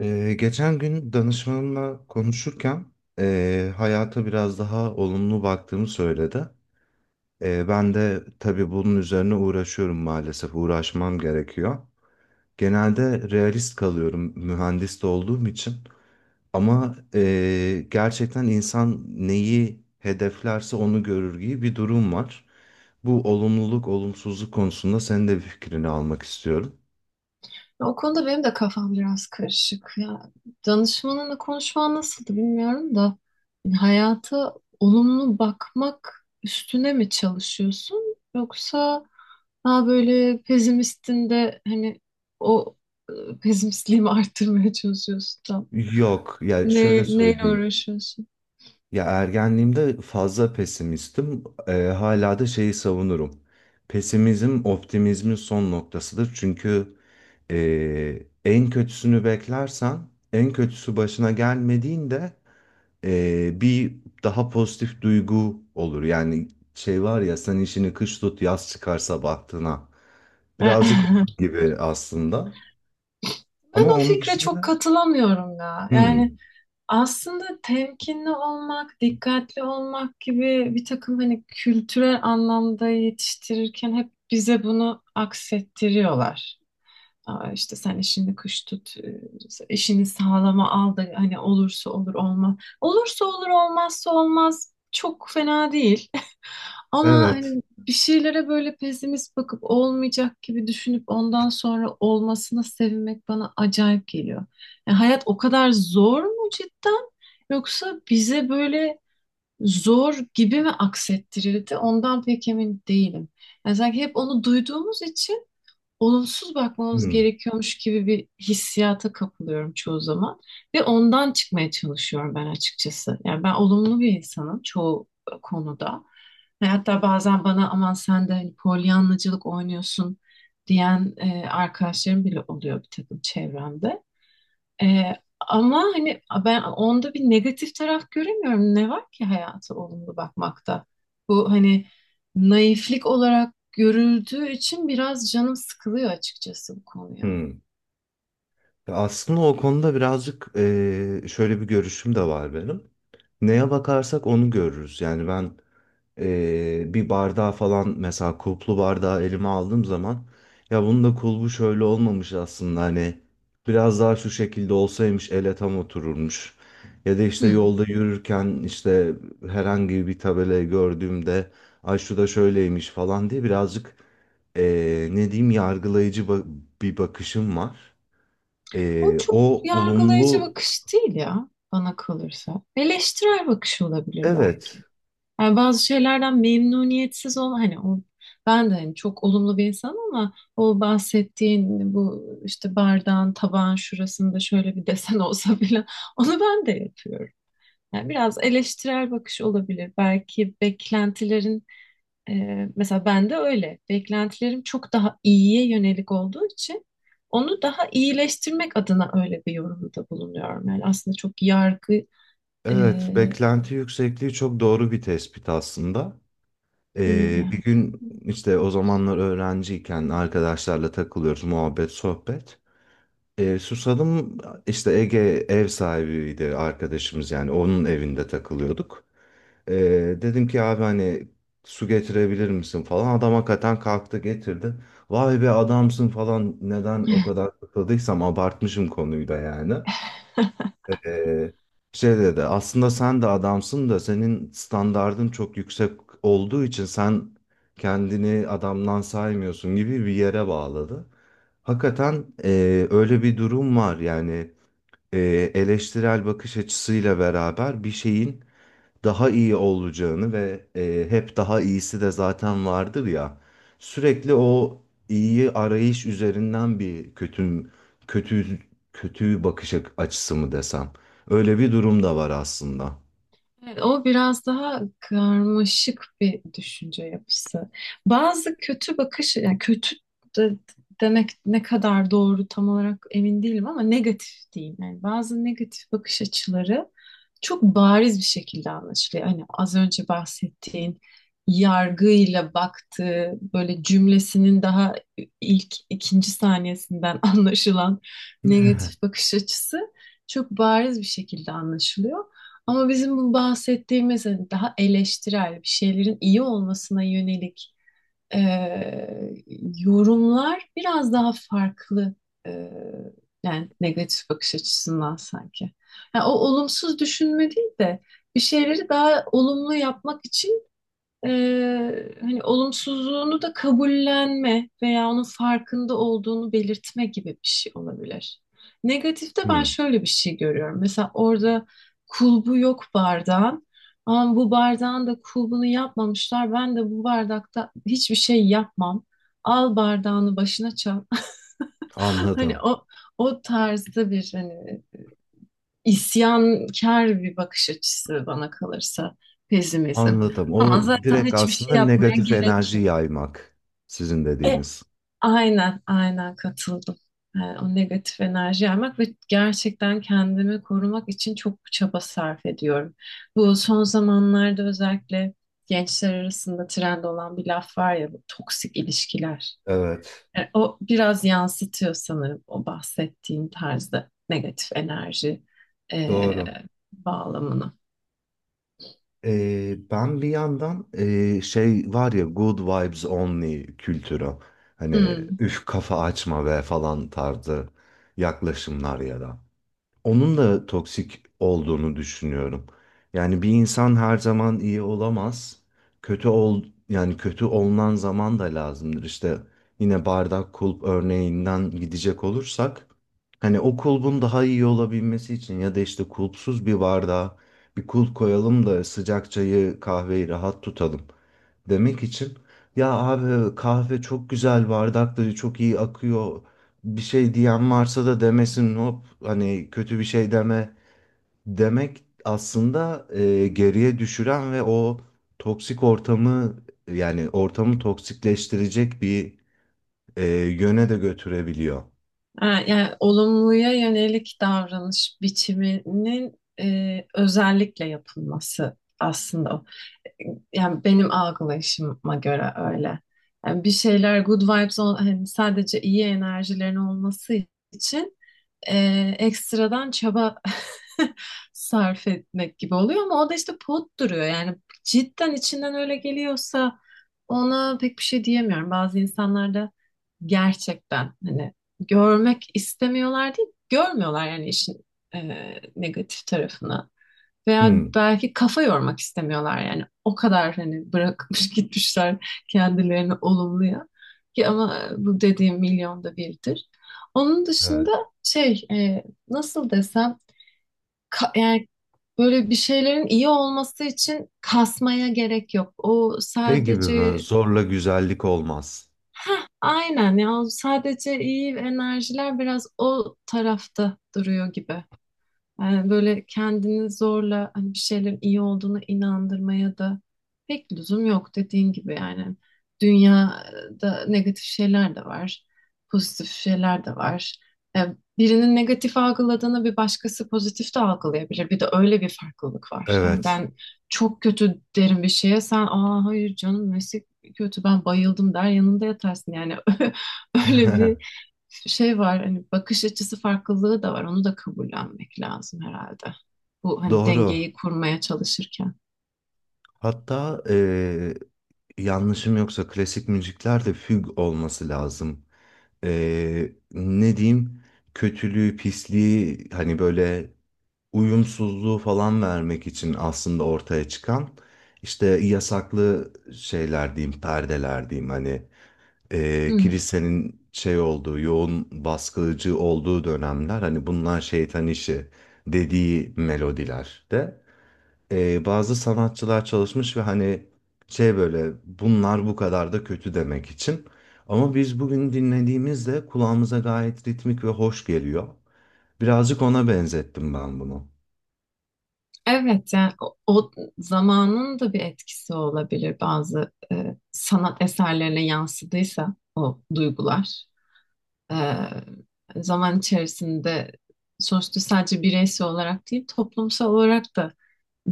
Geçen gün danışmanımla konuşurken hayata biraz daha olumlu baktığımı söyledi. Ben de tabii bunun üzerine uğraşıyorum maalesef, uğraşmam gerekiyor. Genelde realist kalıyorum mühendis de olduğum için. Ama gerçekten insan neyi hedeflerse onu görür gibi bir durum var. Bu olumluluk, olumsuzluk konusunda senin de bir fikrini almak istiyorum. O konuda benim de kafam biraz karışık. Danışmanınla konuşman nasıldı bilmiyorum da yani hayata olumlu bakmak üstüne mi çalışıyorsun yoksa daha böyle pesimistin de hani o pesimistliğimi arttırmaya çalışıyorsun tam. Yok, yani şöyle Neyle söyleyeyim. uğraşıyorsun? Ya ergenliğimde fazla pesimistim. Hala da şeyi savunurum. Pesimizm optimizmin son noktasıdır. Çünkü en kötüsünü beklersen, en kötüsü başına gelmediğinde bir daha pozitif duygu olur. Yani şey var ya sen işini kış tut yaz çıkar sabahtına. Birazcık onun gibi aslında. Ama Ben o onun fikre çok dışında katılamıyorum ya. Yani hmm, aslında temkinli olmak, dikkatli olmak gibi bir takım hani kültürel anlamda yetiştirirken hep bize bunu aksettiriyorlar. Aa, işte sen işini kış tut, işini sağlama al da hani olursa olur olmaz. Olursa olur olmazsa olmaz çok fena değil. Ama evet. hani bir şeylere böyle pesimist bakıp olmayacak gibi düşünüp ondan sonra olmasına sevinmek bana acayip geliyor. Yani hayat o kadar zor mu cidden? Yoksa bize böyle zor gibi mi aksettirildi? Ondan pek emin değilim. Yani sanki hep onu duyduğumuz için olumsuz bakmamız hmm, gerekiyormuş gibi bir hissiyata kapılıyorum çoğu zaman ve ondan çıkmaya çalışıyorum ben açıkçası. Yani ben olumlu bir insanım çoğu konuda. Ve hatta bazen bana aman sen de hani polyanlacılık oynuyorsun diyen arkadaşlarım bile oluyor bir takım çevremde. Ee, ama hani ben onda bir negatif taraf göremiyorum. Ne var ki hayata olumlu bakmakta? Bu hani naiflik olarak görüldüğü için biraz canım sıkılıyor açıkçası bu konuya. hmm. Ya aslında o konuda birazcık şöyle bir görüşüm de var benim. Neye bakarsak onu görürüz. Yani ben bir bardağı falan mesela kulplu bardağı elime aldığım zaman ya bunun da kulbu şöyle olmamış aslında hani biraz daha şu şekilde olsaymış ele tam otururmuş. Ya da işte Hmm. yolda yürürken işte herhangi bir tabelayı gördüğümde ay şu da şöyleymiş falan diye birazcık ne diyeyim yargılayıcı bir bakışım var. O O çok yargılayıcı olumlu. bakış değil ya bana kalırsa. Eleştirel bakış olabilir belki. Evet, Yani bazı şeylerden memnuniyetsiz ol hani o, ben de hani çok olumlu bir insanım ama o bahsettiğin bu işte bardağın tabağın şurasında şöyle bir desen olsa bile onu ben de yapıyorum. Yani biraz eleştirel bakış olabilir. Belki beklentilerin e, mesela ben de öyle. Beklentilerim çok daha iyiye yönelik olduğu için onu daha iyileştirmek adına öyle bir yorumda bulunuyorum. Yani aslında çok yargı e, evet, beklenti yüksekliği çok doğru bir tespit aslında. değil yani. Bir gün işte o zamanlar öğrenciyken arkadaşlarla takılıyoruz muhabbet sohbet. Susadım, işte Ege ev sahibiydi arkadaşımız yani onun evinde takılıyorduk. Ee, Dedim ki abi hani su getirebilir misin falan, adam hakikaten kalktı getirdi. Vay be adamsın falan, neden o kadar takıldıysam abartmışım konuyu da yani. Ee, Şey dedi aslında, sen de adamsın da senin standardın çok yüksek olduğu için sen kendini adamdan saymıyorsun gibi bir yere bağladı. Hakikaten öyle bir durum var yani, e, eleştirel bakış açısıyla beraber bir şeyin daha iyi olacağını ve hep daha iyisi de zaten vardır ya. Sürekli o iyi arayış üzerinden bir kötü, kötü kötü bakış açısı mı desem. Öyle bir durum da var aslında. Evet, o biraz daha karmaşık bir düşünce yapısı. Bazı kötü bakış, yani kötü de- demek ne kadar doğru tam olarak emin değilim ama negatif diyeyim. Yani bazı negatif bakış açıları çok bariz bir şekilde anlaşılıyor. Hani az önce bahsettiğin yargıyla baktığı böyle cümlesinin daha ilk ikinci saniyesinden anlaşılan negatif bakış açısı çok bariz bir şekilde anlaşılıyor. Ama bizim bu bahsettiğimiz hani daha eleştirel bir şeylerin iyi olmasına yönelik eee, yorumlar biraz daha farklı eee, yani negatif bakış açısından sanki. Yani o olumsuz düşünme değil de bir şeyleri daha olumlu yapmak için hani olumsuzluğunu da kabullenme veya onun farkında olduğunu belirtme gibi bir şey olabilir. Negatifte ben Hmm, şöyle bir şey görüyorum. Mesela orada kulbu yok bardağın. Ama bu bardağın da kulbunu yapmamışlar. Ben de bu bardakta hiçbir şey yapmam. Al bardağını başına çal. Hani anladım. o tarzda bir hani isyankar bir bakış açısı bana kalırsa pesimizm. Anladım. Ama O zaten direkt hiçbir şey aslında yapmaya negatif gerek enerji yok. yaymak sizin E, dediğiniz. aynen, aynen katıldım. E, o negatif enerji yaymak ve gerçekten kendimi korumak için çok çaba sarf ediyorum. Bu son zamanlarda özellikle gençler arasında trend olan bir laf var ya bu toksik ilişkiler. Evet, E, o biraz yansıtıyor sanırım o bahsettiğim tarzda negatif enerji e, doğru. bağlamını. Ben bir yandan şey var ya good vibes only kültürü. Hani Hmm. üf kafa açma ve falan tarzı yaklaşımlar ya da onun da toksik olduğunu düşünüyorum. Yani bir insan her zaman iyi olamaz. Kötü ol, yani kötü olunan zaman da lazımdır. İşte yine bardak kulp örneğinden gidecek olursak hani o kulbun daha iyi olabilmesi için ya da işte kulpsuz bir bardağa bir kulp koyalım da sıcak çayı kahveyi rahat tutalım demek için, ya abi kahve çok güzel bardakları çok iyi akıyor bir şey diyen varsa da demesin hop, hani kötü bir şey deme demek aslında geriye düşüren ve o toksik ortamı, yani ortamı toksikleştirecek bir e, yöne de götürebiliyor. Ha, yani olumluya yönelik davranış biçiminin özellikle yapılması aslında. O. Yani benim algılayışıma göre öyle. Yani bir şeyler good vibes hani sadece iyi enerjilerin olması için ekstradan çaba sarf etmek gibi oluyor ama o da işte pot duruyor. Yani cidden içinden öyle geliyorsa ona pek bir şey diyemiyorum. Bazı insanlar da gerçekten hani görmek istemiyorlar değil, görmüyorlar yani işin e, negatif tarafını. Veya Hmm, belki kafa yormak istemiyorlar yani o kadar hani bırakmış gitmişler kendilerini olumluya ki ama bu dediğim milyonda birdir. Onun dışında evet. şey e, nasıl desem yani böyle bir şeylerin iyi olması için kasmaya gerek yok. O Şey gibi mi? sadece Zorla güzellik olmaz. heh, aynen ya o sadece iyi enerjiler biraz o tarafta duruyor gibi. Yani böyle kendini zorla hani bir şeylerin iyi olduğuna inandırmaya da pek lüzum yok dediğin gibi yani. Dünyada negatif şeyler de var, pozitif şeyler de var. E, Birinin negatif algıladığını bir başkası pozitif de algılayabilir. Bir de öyle bir farklılık var. Yani Evet. ben çok kötü derim bir şeye sen aa hayır canım nesi kötü ben bayıldım der yanında yatarsın. Yani öyle bir şey var hani bakış açısı farklılığı da var. Onu da kabullenmek lazım herhalde. Bu hani Doğru. dengeyi kurmaya çalışırken. Hatta yanlışım yoksa klasik müziklerde füg olması lazım. Ne diyeyim, kötülüğü, pisliği hani böyle uyumsuzluğu falan vermek için aslında ortaya çıkan işte yasaklı şeyler diyeyim, perdeler diyeyim, hani Hmm. kilisenin şey olduğu, yoğun baskıcı olduğu dönemler hani bunlar şeytan işi dediği melodiler de bazı sanatçılar çalışmış ve hani şey, böyle bunlar bu kadar da kötü demek için. Ama biz bugün dinlediğimizde kulağımıza gayet ritmik ve hoş geliyor. Birazcık ona benzettim ben bunu. Evet yani o zamanın da bir etkisi olabilir bazı sanat eserlerine yansıdıysa o duygular. E, zaman içerisinde sonuçta sadece bireysel olarak değil toplumsal olarak da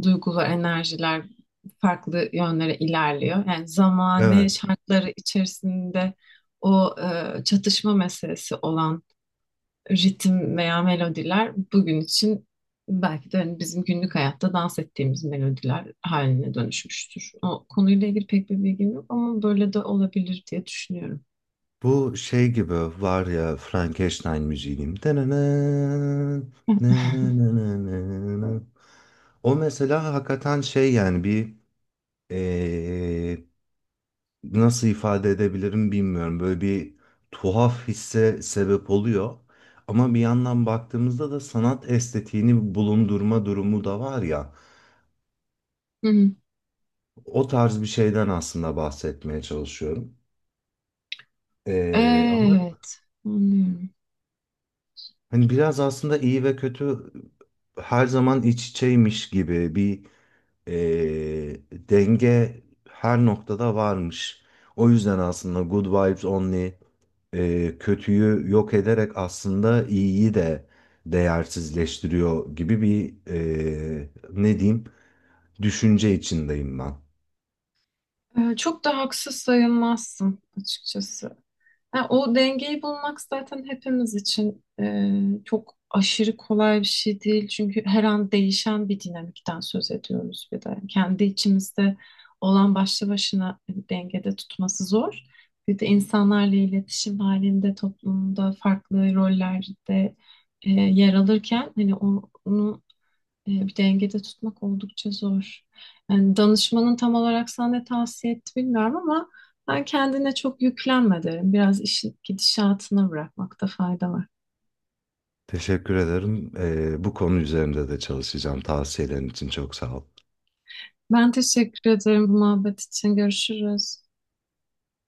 duygu ve enerjiler farklı yönlere ilerliyor. Yani zamane Evet. şartları içerisinde o çatışma meselesi olan ritim veya melodiler bugün için belki de hani bizim günlük hayatta dans ettiğimiz melodiler haline dönüşmüştür. O konuyla ilgili pek bir bilgim yok ama böyle de olabilir diye düşünüyorum. Bu şey gibi var ya Frankenstein müziğim. O mesela hakikaten şey, yani bir eee, nasıl ifade edebilirim bilmiyorum. Böyle bir tuhaf hisse sebep oluyor. Ama bir yandan baktığımızda da sanat estetiğini bulundurma durumu da var ya. Hı hı. O tarz bir şeyden aslında bahsetmeye çalışıyorum. Ama Evet, anlıyorum. hani biraz aslında iyi ve kötü her zaman iç içeymiş gibi bir e, denge her noktada varmış. O yüzden aslında Good Vibes Only kötüyü yok ederek aslında iyiyi de değersizleştiriyor gibi bir ne diyeyim düşünce içindeyim ben. E, çok da haksız sayılmazsın açıkçası. Ha, o dengeyi bulmak zaten hepimiz için çok aşırı kolay bir şey değil. Çünkü her an değişen bir dinamikten söz ediyoruz bir de. Kendi içimizde olan başlı başına dengede tutması zor. Bir de insanlarla iletişim halinde, toplumda, farklı rollerde yer alırken hani onu bir dengede tutmak oldukça zor. Yani danışmanın tam olarak sana ne tavsiye etti bilmiyorum ama ben kendine çok yüklenme derim. Biraz işin gidişatına bırakmakta fayda var. Teşekkür ederim. E, bu konu üzerinde de çalışacağım. Tavsiyelerin için çok sağ ol. Ben teşekkür ederim bu muhabbet için. Görüşürüz.